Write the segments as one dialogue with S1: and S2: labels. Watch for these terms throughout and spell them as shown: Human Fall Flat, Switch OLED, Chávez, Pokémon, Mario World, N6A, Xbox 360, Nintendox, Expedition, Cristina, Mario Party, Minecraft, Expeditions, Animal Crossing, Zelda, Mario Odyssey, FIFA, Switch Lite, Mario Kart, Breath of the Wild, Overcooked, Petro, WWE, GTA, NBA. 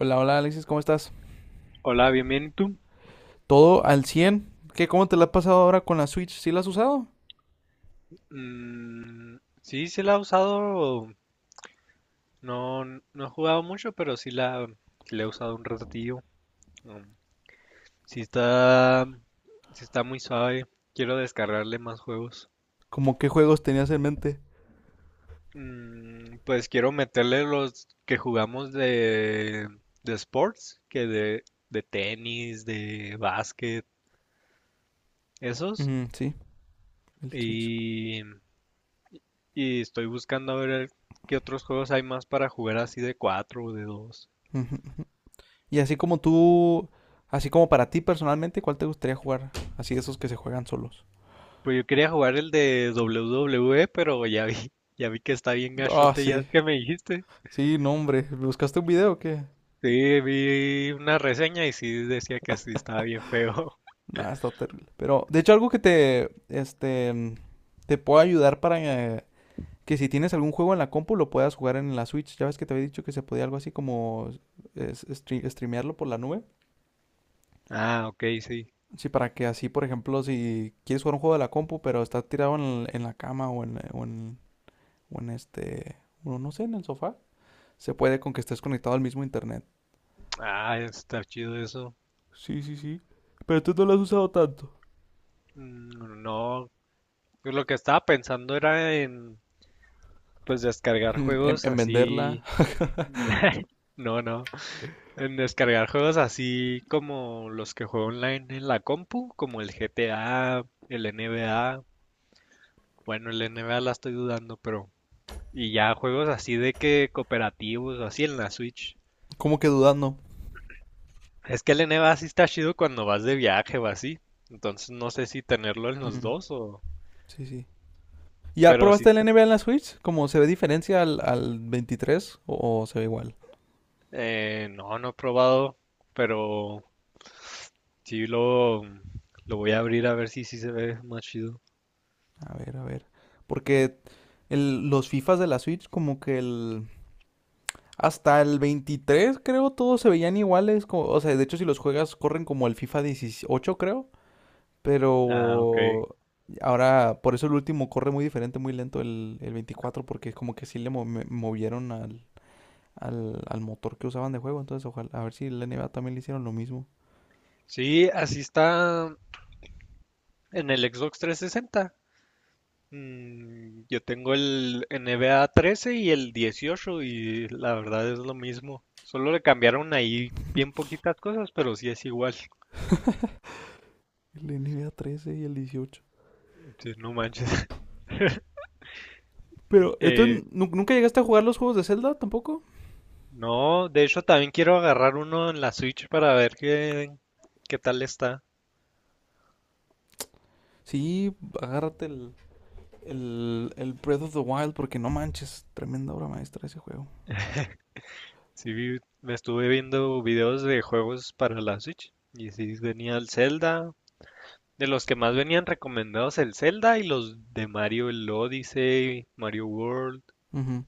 S1: Hola, hola Alexis, ¿cómo estás?
S2: Hola, bienvenido. ¿tú?
S1: ¿Todo al cien? ¿Cómo te la has pasado ahora con la Switch? ¿Sí la has usado?
S2: Mm, sí, sí la he usado. No, no he jugado mucho, pero sí la he usado un ratillo. Mm, sí está, sí está muy suave. Quiero descargarle más juegos.
S1: ¿Cómo qué juegos tenías en mente?
S2: Pues quiero meterle los que jugamos de sports, que de tenis, de básquet, esos.
S1: Ujú, sí, el Switch.
S2: Y, y estoy buscando a ver qué otros juegos hay más para jugar así de cuatro o de dos.
S1: Ujú, ujú. Y así como tú, así como para ti personalmente, ¿cuál te gustaría jugar? Así de esos que se juegan solos.
S2: Pues yo quería jugar el de WWE, pero ya vi que está bien
S1: Ah,
S2: gachote, ya
S1: sí.
S2: es que me dijiste.
S1: Sí, no, hombre. ¿Buscaste un video o qué?
S2: Sí, vi una reseña y sí decía que sí estaba bien feo.
S1: Nah, está terrible. Pero, de hecho, algo que te puede ayudar para, que si tienes algún juego en la compu lo puedas jugar en la Switch. Ya ves que te había dicho que se podía algo así como streamearlo por la nube.
S2: Ah, ok, sí.
S1: Sí, para que así, por ejemplo, si quieres jugar un juego de la compu, pero está tirado en la cama o en este, o no sé, en el sofá, se puede con que estés conectado al mismo internet.
S2: Ah, está chido eso.
S1: Sí, sí, sí. Pero tú no lo has usado tanto.
S2: Mm, no, pues lo que estaba pensando era pues descargar
S1: En,
S2: juegos
S1: en venderla,
S2: así. No, no. En descargar juegos así como los que juego online en la compu, como el GTA, el NBA. Bueno, el NBA la estoy dudando, pero. Y ya juegos así de que cooperativos o así en la Switch.
S1: como que dudando.
S2: Es que el NBA sí está chido cuando vas de viaje o así. Entonces no sé si tenerlo en los
S1: Mm,
S2: dos o.
S1: sí, sí. ¿Ya
S2: Pero
S1: probaste
S2: sí,
S1: el NBA en la Switch? ¿Cómo se ve diferencia al 23 o se ve igual?
S2: no, no he probado. Pero sí lo voy a abrir a ver si sí se ve más chido.
S1: A ver, a ver. Porque los FIFAs de la Switch, como que el... Hasta el 23 creo, todos se veían iguales. O sea, de hecho, si los juegas, corren como el FIFA 18 creo.
S2: Ah, ok.
S1: Pero ahora, por eso el último corre muy diferente, muy lento el 24 porque como que sí le movieron al motor que usaban de juego. Entonces, ojalá, a ver si el NBA también le hicieron lo mismo.
S2: Sí, así está en el Xbox 360. Yo tengo el N6A 13 y el 18 y la verdad es lo mismo. Solo le cambiaron ahí bien poquitas cosas, pero sí es igual.
S1: El NBA 13 y el 18.
S2: Entonces, no manches.
S1: Pero,
S2: Eh,
S1: entonces, ¿nunca llegaste a jugar los juegos de Zelda tampoco?
S2: no, de hecho también quiero agarrar uno en la Switch para ver qué tal está.
S1: Sí, agárrate el Breath of the Wild porque no manches, tremenda obra maestra ese juego.
S2: Sí, me estuve viendo videos de juegos para la Switch y sí venía el Zelda. De los que más venían recomendados el Zelda y los de Mario, el Odyssey, Mario World.
S1: Ujú.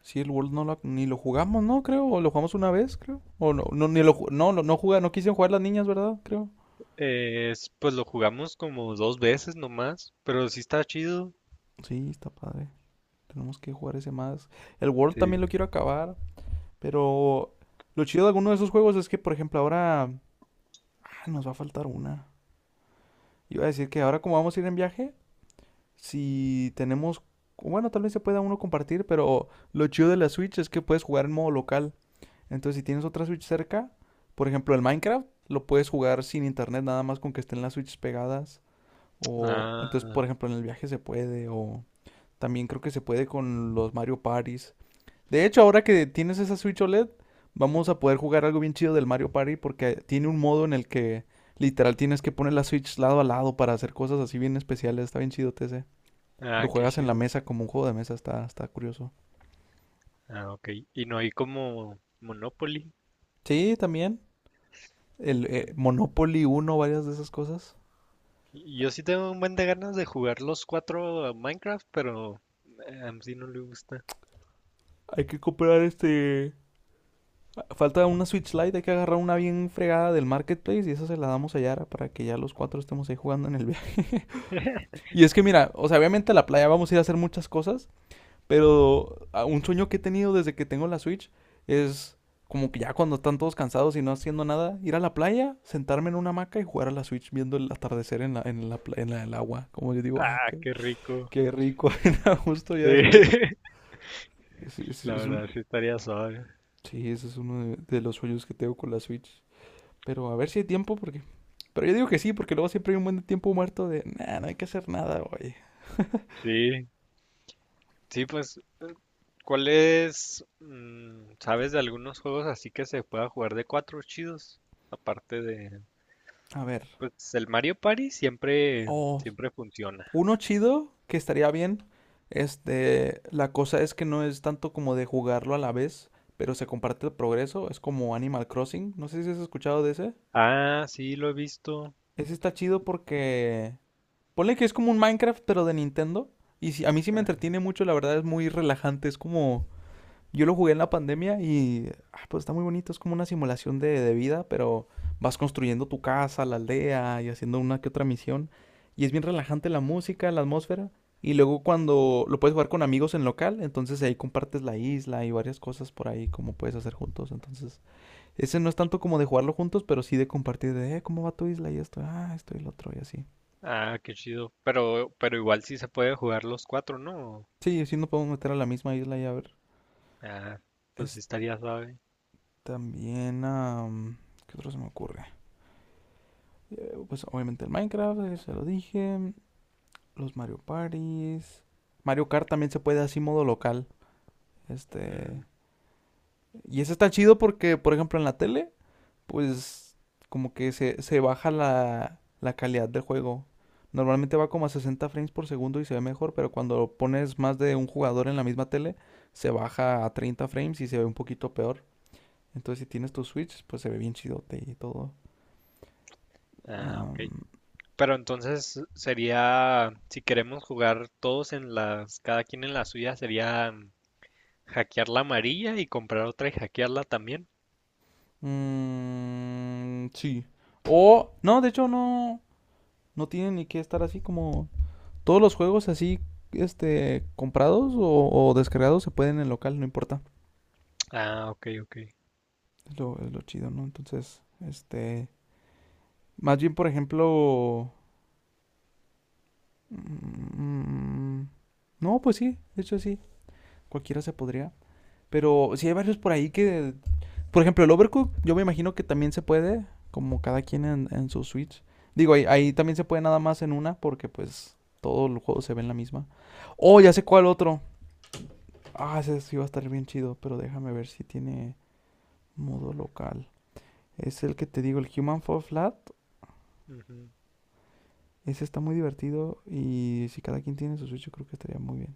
S1: Sí, el World ni lo jugamos, ¿no? Creo, o lo jugamos una vez, creo. O no, no, ni lo, no, no, no juega, no quisieron jugar las niñas, ¿verdad? Creo.
S2: Pues lo jugamos como dos veces nomás, pero sí está chido.
S1: Sí, está padre. Tenemos que jugar ese más. El World también
S2: Sí.
S1: lo quiero acabar, pero lo chido de alguno de esos juegos es que, por ejemplo, ahora ah, nos va a faltar una. Iba a decir que ahora como vamos a ir en viaje, si tenemos, bueno, tal vez se pueda uno compartir, pero lo chido de la Switch es que puedes jugar en modo local. Entonces, si tienes otra Switch cerca, por ejemplo, el Minecraft lo puedes jugar sin internet, nada más con que estén las Switches pegadas. O entonces,
S2: Ah,
S1: por ejemplo, en el viaje se puede. O también creo que se puede con los Mario Parties. De hecho, ahora que tienes esa Switch OLED, vamos a poder jugar algo bien chido del Mario Party porque tiene un modo en el que literal tienes que poner la Switch lado a lado para hacer cosas así bien especiales. Está bien chido TC. Lo
S2: ah, qué
S1: juegas en la
S2: chido.
S1: mesa como un juego de mesa, está curioso.
S2: Ah, ok. Y no hay como Monopoly.
S1: Sí, también. El Monopoly uno, varias de esas cosas.
S2: Y yo sí tengo un buen de ganas de jugar los cuatro a Minecraft, pero a sí no le gusta.
S1: Hay que comprar este. Falta una Switch Lite, hay que agarrar una bien fregada del marketplace y esa se la damos a Yara para que ya los cuatro estemos ahí jugando en el viaje. Y es que mira, o sea, obviamente a la playa vamos a ir a hacer muchas cosas, pero un sueño que he tenido desde que tengo la Switch es como que ya cuando están todos cansados y no haciendo nada, ir a la playa, sentarme en una hamaca y jugar a la Switch viendo el atardecer en el agua. Como yo digo,
S2: Ah, qué rico.
S1: qué rico, justo
S2: Sí,
S1: ya después. Es, es-
S2: la
S1: es un,
S2: verdad sí estaría suave.
S1: sí, ese es uno de los sueños que tengo con la Switch. Pero a ver si hay tiempo, porque. Pero yo digo que sí, porque luego siempre hay un buen de tiempo muerto de. Nah, no hay que hacer nada hoy.
S2: Sí, sí, pues, ¿ sabes de algunos juegos así que se pueda jugar de cuatro chidos? Aparte de.
S1: A ver.
S2: Pues el Mario Party siempre,
S1: Oh,
S2: siempre funciona.
S1: uno chido que estaría bien. Este. La cosa es que no es tanto como de jugarlo a la vez, pero se comparte el progreso. Es como Animal Crossing. No sé si has escuchado de ese.
S2: Ah, sí, lo he visto.
S1: Ese está chido porque. Ponle que es como un Minecraft, pero de Nintendo. Y si a mí sí me
S2: Ah,
S1: entretiene mucho, la verdad es muy relajante. Es como. Yo lo jugué en la pandemia y ah, pues está muy bonito, es como una simulación de vida, pero vas construyendo tu casa, la aldea y haciendo una que otra misión. Y es bien relajante la música, la atmósfera. Y luego cuando lo puedes jugar con amigos en local, entonces ahí compartes la isla y varias cosas por ahí como puedes hacer juntos. Entonces, ese no es tanto como de jugarlo juntos, pero sí de compartir de, ¿cómo va tu isla? Y esto, ah, esto y lo otro y así.
S2: ah, qué chido. Pero, igual sí se puede jugar los cuatro, ¿no?
S1: Sí, sí nos podemos meter a la misma isla y a ver.
S2: Ah, pues sí
S1: Es
S2: estaría suave.
S1: también, ¿qué otro se me ocurre? Pues obviamente el Minecraft, se lo dije. Los Mario Parties. Mario Kart también se puede así modo local. Este.
S2: Mm,
S1: Y ese está chido porque, por ejemplo, en la tele, pues como que se baja la calidad del juego. Normalmente va como a 60 frames por segundo y se ve mejor, pero cuando pones más de un jugador en la misma tele, se baja a 30 frames y se ve un poquito peor. Entonces, si tienes tu Switch, pues se ve bien chidote y todo.
S2: ah, ok.
S1: Am,
S2: Pero entonces sería, si queremos jugar todos cada quien en la suya, sería hackear la amarilla y comprar otra y hackearla también.
S1: Mm, sí. O, no, de hecho no, no tiene ni que estar así como todos los juegos así, este, comprados o descargados se pueden en local, no importa.
S2: Ah, ok, ok.
S1: Es lo chido, ¿no? Entonces, este, más bien, por ejemplo, mm, no, pues sí, de hecho sí, cualquiera se podría. Pero sí hay varios por ahí que por ejemplo, el Overcook, yo me imagino que también se puede, como cada quien en su Switch. Digo, ahí
S2: Mm,
S1: también se puede nada más en una, porque pues todo el juego se ve en la misma. Oh, ya sé cuál otro. Ah, ese sí va a estar bien chido, pero déjame ver si tiene modo local. Es el que te digo, el Human Fall Flat.
S2: ujú.
S1: Ese está muy divertido y si cada quien tiene su Switch, yo creo que estaría muy bien.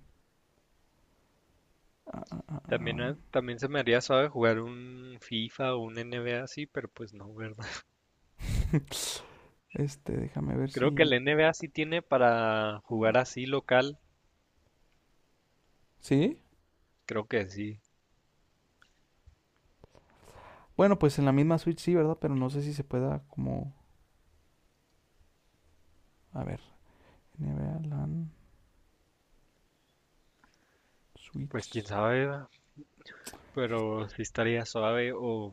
S1: Ah, ah, ah, ah.
S2: También, se me haría suave jugar un FIFA o un NBA así, pero pues no, ¿verdad?
S1: Este, déjame ver
S2: Creo que el
S1: si...
S2: NBA sí tiene para jugar así local,
S1: ¿Sí?
S2: creo que sí.
S1: Bueno, pues en la misma Switch sí, ¿verdad? Pero no sé si se pueda como... A ver. NBA LAN
S2: Pues quién
S1: Switch.
S2: sabe, ¿verdad?
S1: Sí,
S2: Pero sí estaría suave. O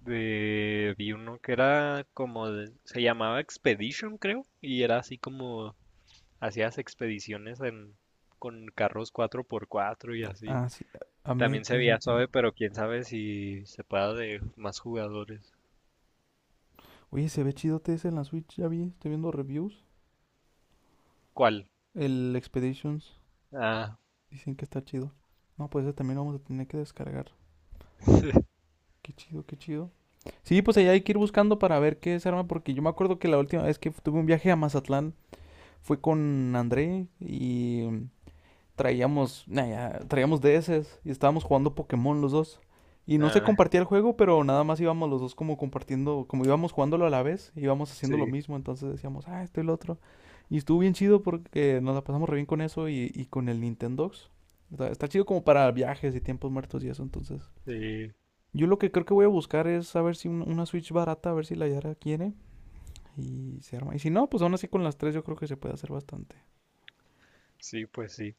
S2: de, Vi uno que era como, se llamaba Expedition, creo, y era así como hacías expediciones con carros 4x4 y así.
S1: ah, sí. Ahmed
S2: También se
S1: Runner
S2: veía
S1: Game.
S2: suave, pero quién sabe si se pueda de más jugadores.
S1: Oye, se ve chido ese en la Switch, ya vi, estoy viendo reviews.
S2: ¿Cuál?
S1: El Expeditions,
S2: Ah,
S1: dicen que está chido. No, pues ese también lo vamos a tener que descargar. Qué chido, qué chido. Sí, pues allá hay que ir buscando para ver qué se arma, porque yo me acuerdo que la última vez que tuve un viaje a Mazatlán fue con André y traíamos, nah, ya, traíamos DS y estábamos jugando Pokémon los dos. Y no se
S2: Ah,
S1: compartía el juego, pero nada más íbamos los dos como compartiendo, como íbamos jugándolo a la vez, íbamos haciendo lo
S2: sí,
S1: mismo, entonces decíamos, ah, esto y lo otro. Y estuvo bien chido porque nos la pasamos re bien con eso y con el Nintendox. Está, está chido como para viajes y tiempos muertos y eso, entonces.
S2: sí,
S1: Yo lo que creo que voy a buscar es a ver si una Switch barata, a ver si la Yara quiere y se arma. Y si no, pues aún así con las tres yo creo que se puede hacer bastante.
S2: sí, pues sí.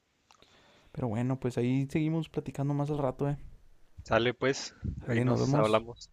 S1: Pero bueno, pues ahí seguimos platicando más al rato, ¿eh?
S2: Sale pues, ahí
S1: Ale, nos
S2: nos
S1: vemos.
S2: hablamos.